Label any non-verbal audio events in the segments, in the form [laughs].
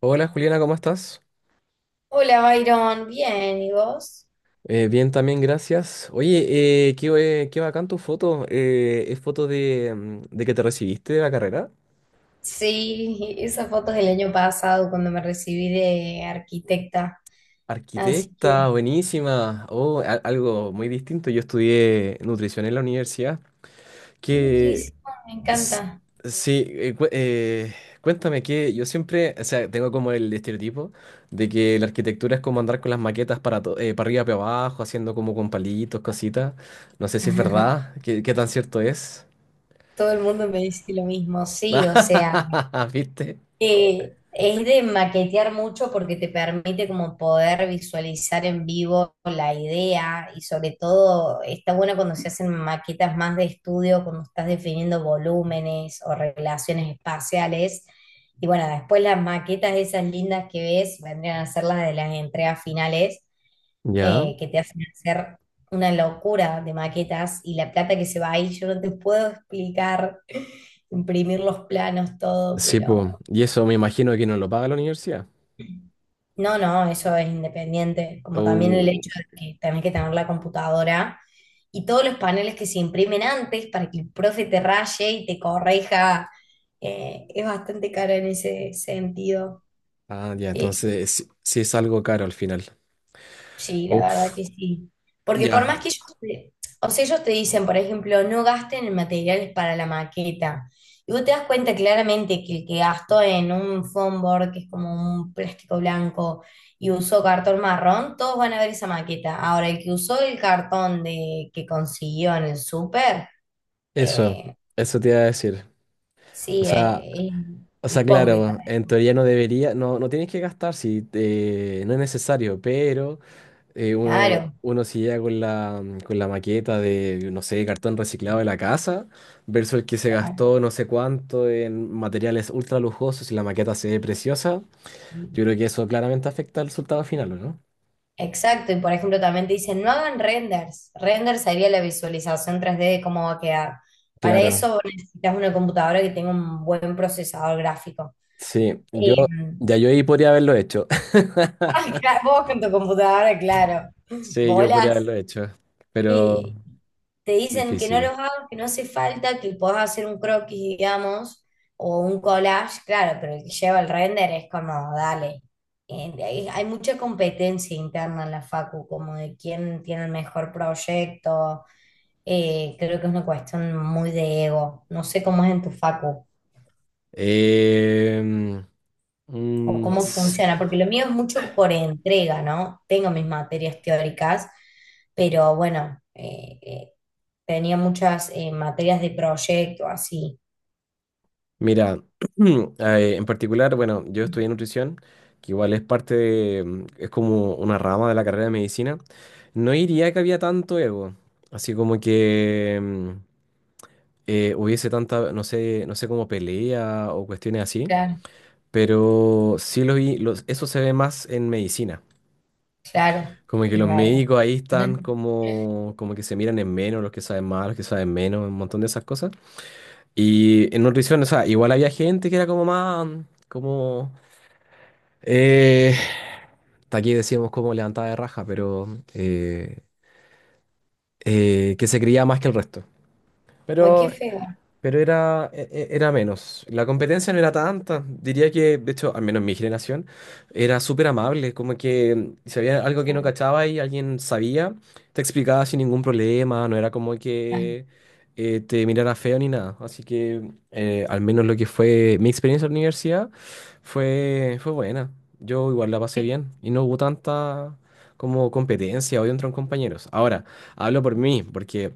Hola Juliana, ¿cómo estás? Hola, Byron. Bien, ¿y vos? Bien, también, gracias. Oye, qué bacán tu foto. ¿Es foto de que te recibiste de la carrera? Sí, esa foto es del año pasado cuando me recibí de arquitecta. Así Arquitecta, que, buenísima. Oh, algo muy distinto. Yo estudié nutrición en la universidad. Que nutrísimo, me s- encanta. sí, cuéntame que yo siempre, o sea, tengo como el estereotipo de que la arquitectura es como andar con las maquetas para arriba, para abajo, haciendo como con palitos, cositas. No sé si es [laughs] verdad, qué tan cierto es. Todo el mundo me dice lo mismo. Sí, o sea. [laughs] ¿Viste? Es de maquetear mucho porque te permite como poder visualizar en vivo la idea y sobre todo está bueno cuando se hacen maquetas más de estudio, cuando estás definiendo volúmenes o relaciones espaciales. Y bueno, después las maquetas esas lindas que ves vendrían a ser las de las entregas finales, Ya, que te hacen hacer una locura de maquetas y la plata que se va ahí, yo no te puedo explicar, [laughs] imprimir los planos, todo, sí, pues. pero... Y eso me imagino que no lo paga la universidad. No, no, eso es independiente, como también el Oh, hecho de que tenés que tener la computadora y todos los paneles que se imprimen antes para que el profe te raye y te corrija, es bastante caro en ese sentido. ah, ya, Eh, entonces sí, sí es algo caro al final. Sí, la verdad Uf, que sí. Porque por más ya, que ellos te, o sea, ellos te dicen, por ejemplo, no gasten en materiales para la maqueta. Y vos te das cuenta claramente que el que gastó en un foam board, que es como un plástico blanco, y usó cartón marrón, todos van a ver esa maqueta. Ahora, el que usó el cartón de, que consiguió en el súper, eso, eh, eso te iba a decir. O sí, sea, es hipócrita. claro, en teoría no debería, no tienes que gastar no es necesario, pero uno, Claro, uno se llega con la maqueta de, no sé, cartón reciclado de la casa, versus el que se claro. gastó no sé cuánto en materiales ultra lujosos y la maqueta se ve preciosa. Sí. Yo creo que eso claramente afecta al resultado final, ¿o no? Exacto, y por ejemplo también te dicen, no hagan renders. Render sería la visualización tres d de cómo va a quedar. Para Claro, eso necesitas una computadora que tenga un buen procesador gráfico. sí, Eh, ya yo ahí podría haberlo hecho. [laughs] [laughs] vos con tu computadora, claro. Sí, yo podría Bolas. haberlo hecho, pero Y te dicen que no difícil. los hagas, que no hace falta, que podés hacer un croquis, digamos, o un collage, claro, pero el que lleva el render es como, dale. Hay mucha competencia interna en la Facu, como de quién tiene el mejor proyecto. Creo que es una cuestión muy de ego. No sé cómo es en tu Facu. Em, O mm, cómo funciona, porque lo mío es mucho por entrega, ¿no? Tengo mis materias teóricas, pero bueno, tenía muchas materias de proyecto, así. Mira, [clears throat] en particular, bueno, yo estudié nutrición, que igual es parte de, es como una rama de la carrera de medicina. No diría que había tanto ego, así como que hubiese tanta, no sé como pelea o cuestiones así, Claro, pero sí lo vi, eso se ve más en medicina. claro, Como que es los verdad. médicos ahí están [laughs] como que se miran en menos, los que saben más, los que saben menos, un montón de esas cosas. Y en nutrición, o sea, igual había gente que era como más, como Eh, hasta aquí decíamos como levantada de raja, pero que se creía más que el resto. Ay, qué Pero feo. pero era, era menos. La competencia no era tanta. Diría que, de hecho, al menos mi generación, era súper amable. Como que si había algo que no Claro, cachaba y alguien sabía, te explicaba sin ningún problema. No era como claro. que te mirara feo ni nada. Así que, al menos lo que fue mi experiencia en la universidad fue buena. Yo igual la pasé bien y no hubo tanta como competencia o entre compañeros. Ahora, hablo por mí, porque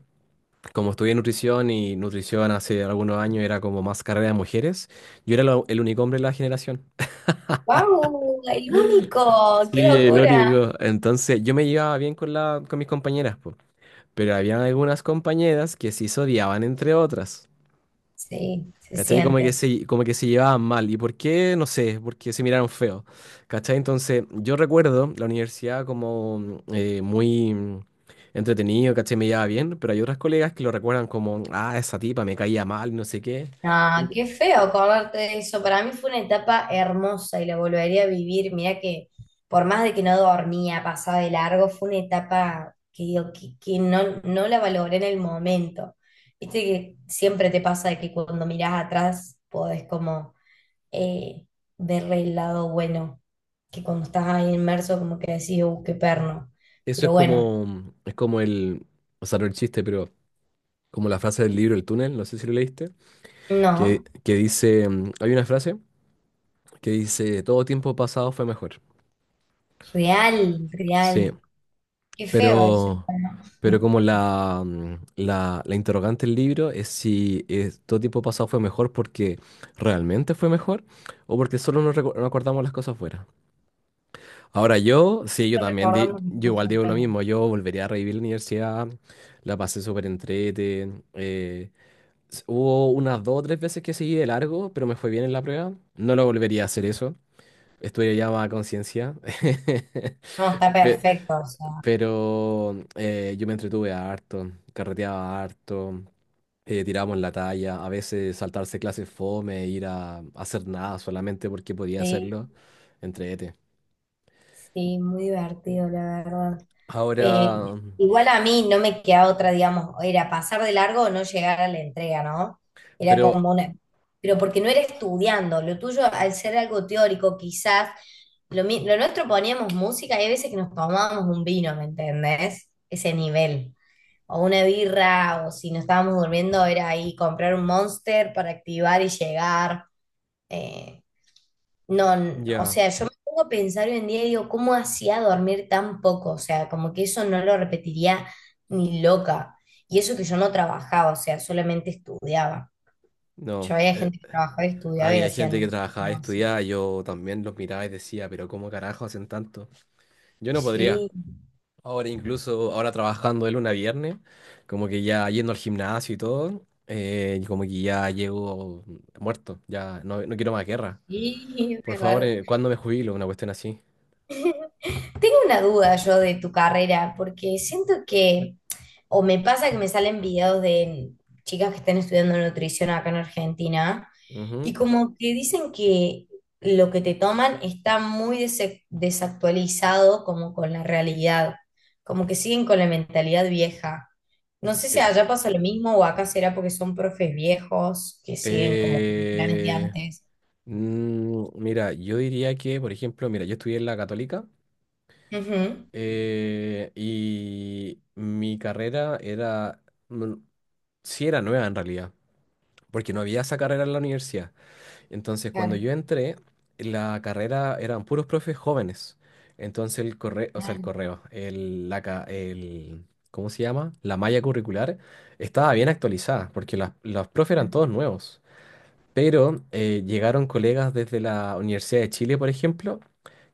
como estudié nutrición y nutrición hace algunos años era como más carrera de mujeres, yo era el único hombre de la generación. [laughs] ¡Guau! El único, qué Sí, el locura. único. Entonces yo me llevaba bien con mis compañeras, po. Pero había algunas compañeras que sí se odiaban entre otras. Sí, se ¿Cachai? Como que siente. se, como que se llevaban mal. ¿Y por qué? No sé, porque se miraron feo. ¿Cachai? Entonces yo recuerdo la universidad como muy entretenido, ¿cachai? Me llevaba bien, pero hay otras colegas que lo recuerdan como, ah, esa tipa me caía mal, no sé qué. Ah, qué feo acordarte de eso. Para mí fue una etapa hermosa y la volvería a vivir. Mirá que por más de que no dormía, pasaba de largo, fue una etapa que digo, que no, no la valoré en el momento. Viste que siempre te pasa de que cuando mirás atrás podés como eh, ver el lado bueno, que cuando estás ahí inmerso como que decís, qué perno. Eso Pero bueno, es como el, o sea, no el chiste, pero como la frase del libro El túnel, no sé si lo leíste, que, no, que dice, hay una frase que dice, todo tiempo pasado fue mejor. real, Sí, real. Qué feo eso. pero, Hermano. pero como [laughs] la interrogante del libro es si es, todo tiempo pasado fue mejor porque realmente fue mejor o porque solo nos acordamos las cosas fuera. Ahora yo, sí, yo también, di- Recordamos las yo igual cosas digo lo buenas. mismo, yo volvería a revivir la universidad, la pasé súper entrete. Hubo unas dos o tres veces que seguí de largo, pero me fue bien en la prueba. No lo volvería a hacer eso. Estuve ya más a conciencia. [laughs] No, está Pe- perfecto, o sea, Pero yo me entretuve harto, carreteaba harto, tirábamos la talla, a veces saltarse clases fome, ir a hacer nada solamente porque podía sí, hacerlo. Entrete. sí, muy divertido, la verdad. Eh, Ahora, Igual a mí no me quedaba otra, digamos, era pasar de largo o no llegar a la entrega, ¿no? Era pero como una... Pero porque no era estudiando, lo tuyo al ser algo teórico, quizás, lo, lo nuestro poníamos música y hay veces que nos tomábamos un vino, ¿me entendés? Ese nivel. O una birra, o si nos estábamos durmiendo, era ahí comprar un Monster para activar y llegar. Eh, no, o ya, sea, yo me pongo a pensar hoy en día y digo, ¿cómo hacía dormir tan poco? O sea, como que eso no lo repetiría ni loca. Y eso que yo no trabajaba, o sea, solamente estudiaba. Yo no. había gente que trabajaba y estudiaba y Había gente que hacían trabajaba y como así. estudiaba, yo también los miraba y decía, pero ¿cómo carajo hacen tanto? Yo no podría. Sí, Ahora incluso, ahora trabajando de lunes a viernes, como que ya yendo al gimnasio y todo, como que ya llego muerto, ya no quiero más guerra. sí, es Por favor, verdad. ¿Cuándo me jubilo? Una cuestión así. Tengo una duda yo de tu carrera, porque siento que, o me pasa que me salen videos de chicas que están estudiando nutrición acá en Argentina. Y Ujú. como que dicen que lo que te toman está muy desactualizado como con la realidad, como que siguen con la mentalidad vieja. No sé si Eh, allá pasa lo mismo o acá será porque son profes viejos que siguen como con planes de eh, antes. Mira, yo diría que, por ejemplo, mira, yo estudié en la Católica, Ujú, y mi carrera era, mm, sí era nueva en realidad, porque no había esa carrera en la universidad. Entonces, cuando claro, yo entré, la carrera eran puros profes jóvenes. Entonces, el correo, o sea, el claro, correo, el, la, ca- el, ¿cómo se llama? La malla curricular estaba bien actualizada, porque los profes eran todos nuevos. Pero llegaron colegas desde la Universidad de Chile, por ejemplo,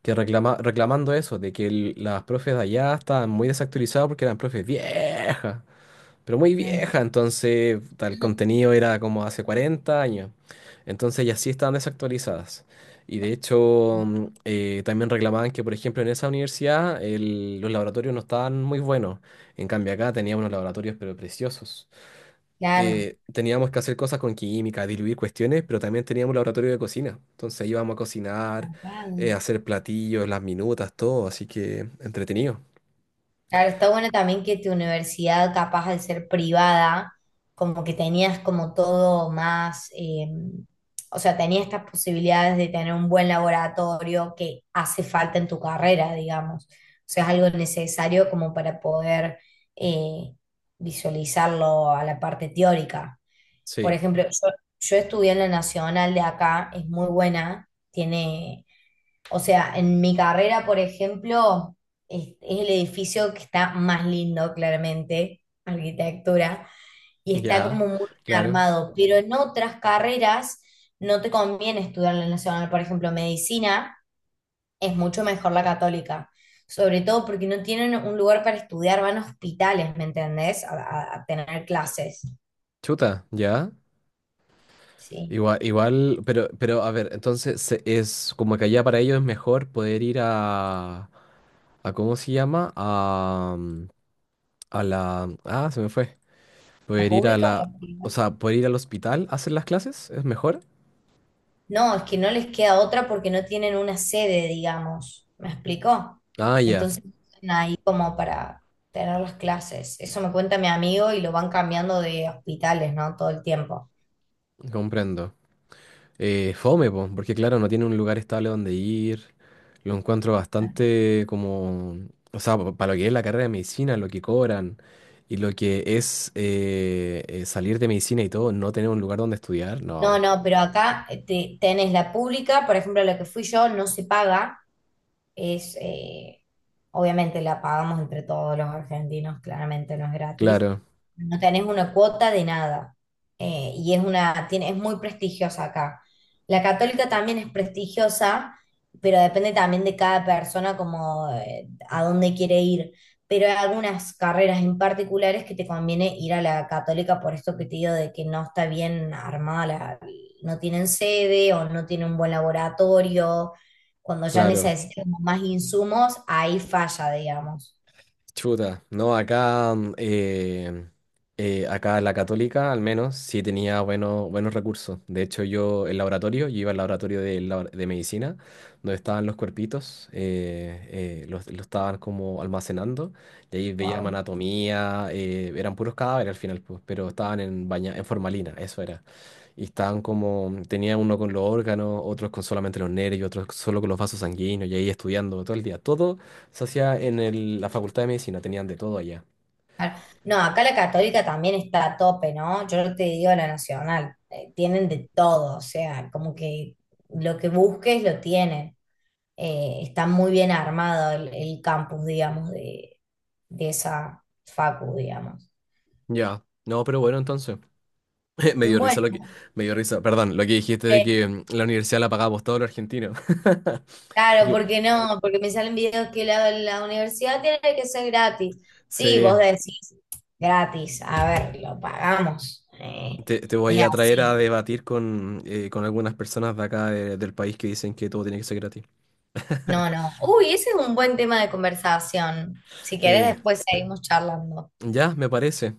que reclamando eso, de que las profes de allá estaban muy desactualizadas porque eran profes viejas pero muy claro, claro. vieja, entonces el [laughs] contenido era como hace 40 años. Entonces ya sí estaban desactualizadas. Y de hecho también reclamaban que, por ejemplo, en esa universidad los laboratorios no estaban muy buenos. En cambio acá teníamos unos laboratorios pero preciosos. Claro, Teníamos que hacer cosas con química, diluir cuestiones, pero también teníamos un laboratorio de cocina. Entonces íbamos a cocinar, tapado. hacer platillos, las minutas, todo. Así que entretenido. Claro, está bueno también que tu universidad, capaz de ser privada, como que tenías como todo más, o sea, tenías estas posibilidades de tener un buen laboratorio que hace falta en tu carrera, digamos. O sea, es algo necesario como para poder eh, visualizarlo a la parte teórica. Por Sí, ejemplo, yo estudié en la Nacional de acá, es muy buena, tiene, o sea, en mi carrera, por ejemplo, es el edificio que está más lindo, claramente, arquitectura, y está ya, como muy bien claro. armado, pero en otras carreras no te conviene estudiar en la nacional, por ejemplo, medicina, es mucho mejor la católica, sobre todo porque no tienen un lugar para estudiar, van a hospitales, ¿me entendés? A, a tener clases, Chuta, ya. ¿sí? Igual, pero a ver, entonces es como que allá para ellos es mejor poder ir a ¿cómo se llama? A, mm, a la, ah, se me fue. ¿La Poder ir a pública o la, la o privada? sea, poder ir al hospital a hacer las clases, ¿es mejor? No, es que no les queda otra porque no tienen una sede, digamos. ¿Me explicó? Ah, ya, Entonces están ahí como para tener las clases. Eso me cuenta mi amigo y lo van cambiando de hospitales, ¿no? Todo el tiempo. comprendo. Fome, po, porque claro, no tiene un lugar estable donde ir. Lo encuentro bastante como, o sea, para lo que es la carrera de medicina, lo que cobran y lo que es salir de medicina y todo, no tener un lugar donde estudiar, No, no. no, pero acá tenés la pública, por ejemplo, la que fui yo no se paga, es, obviamente la pagamos entre todos los argentinos, claramente no es gratis, Claro, no tenés una cuota de nada, y es una, tiene, es muy prestigiosa acá. La católica también es prestigiosa, pero depende también de cada persona como a dónde quiere ir. Pero hay algunas carreras en particulares que te conviene ir a la católica por esto que te digo de que no está bien armada, no tienen sede o no tienen un buen laboratorio cuando ya claro. necesitamos más insumos, ahí falla, digamos. Chuta, no, acá la Católica al menos sí tenía buenos, buenos recursos. De hecho, yo el laboratorio, yo iba al laboratorio de medicina, donde estaban los cuerpitos, los estaban como almacenando, y ahí veían Wow. anatomía, eran puros cadáveres al final, pues, pero estaban en formalina, eso era. Y estaban como, tenía uno con los órganos, otros con solamente los nervios, otros solo con los vasos sanguíneos, y ahí estudiando todo el día. Todo se hacía en la Facultad de Medicina, tenían de todo allá. Claro. No, acá la católica también está a tope, ¿no? Yo no te digo la nacional, tienen de todo, o sea, como que lo que busques lo tienen. Está muy bien armado el campus, digamos, de esa facu, digamos. Ya, no, pero bueno, entonces. [laughs] Me dio risa lo que, Bueno, Me dio risa, perdón, lo que dijiste de eh, que la universidad la pagamos todos los argentinos. [laughs] claro, Que porque no, porque me salen videos que la universidad tiene que ser gratis. Sí, se- vos decís, gratis, a ver, lo pagamos. Te Es voy a traer a así. debatir con algunas personas de acá del país que dicen que todo tiene que ser gratis. No, no. Uy, ese es un buen tema de conversación. Si querés, Eh, después seguimos charlando. ya, me parece.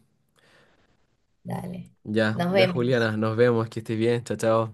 Dale, Ya, nos ya, vemos. Juliana, nos vemos, que estés bien, chao, chao.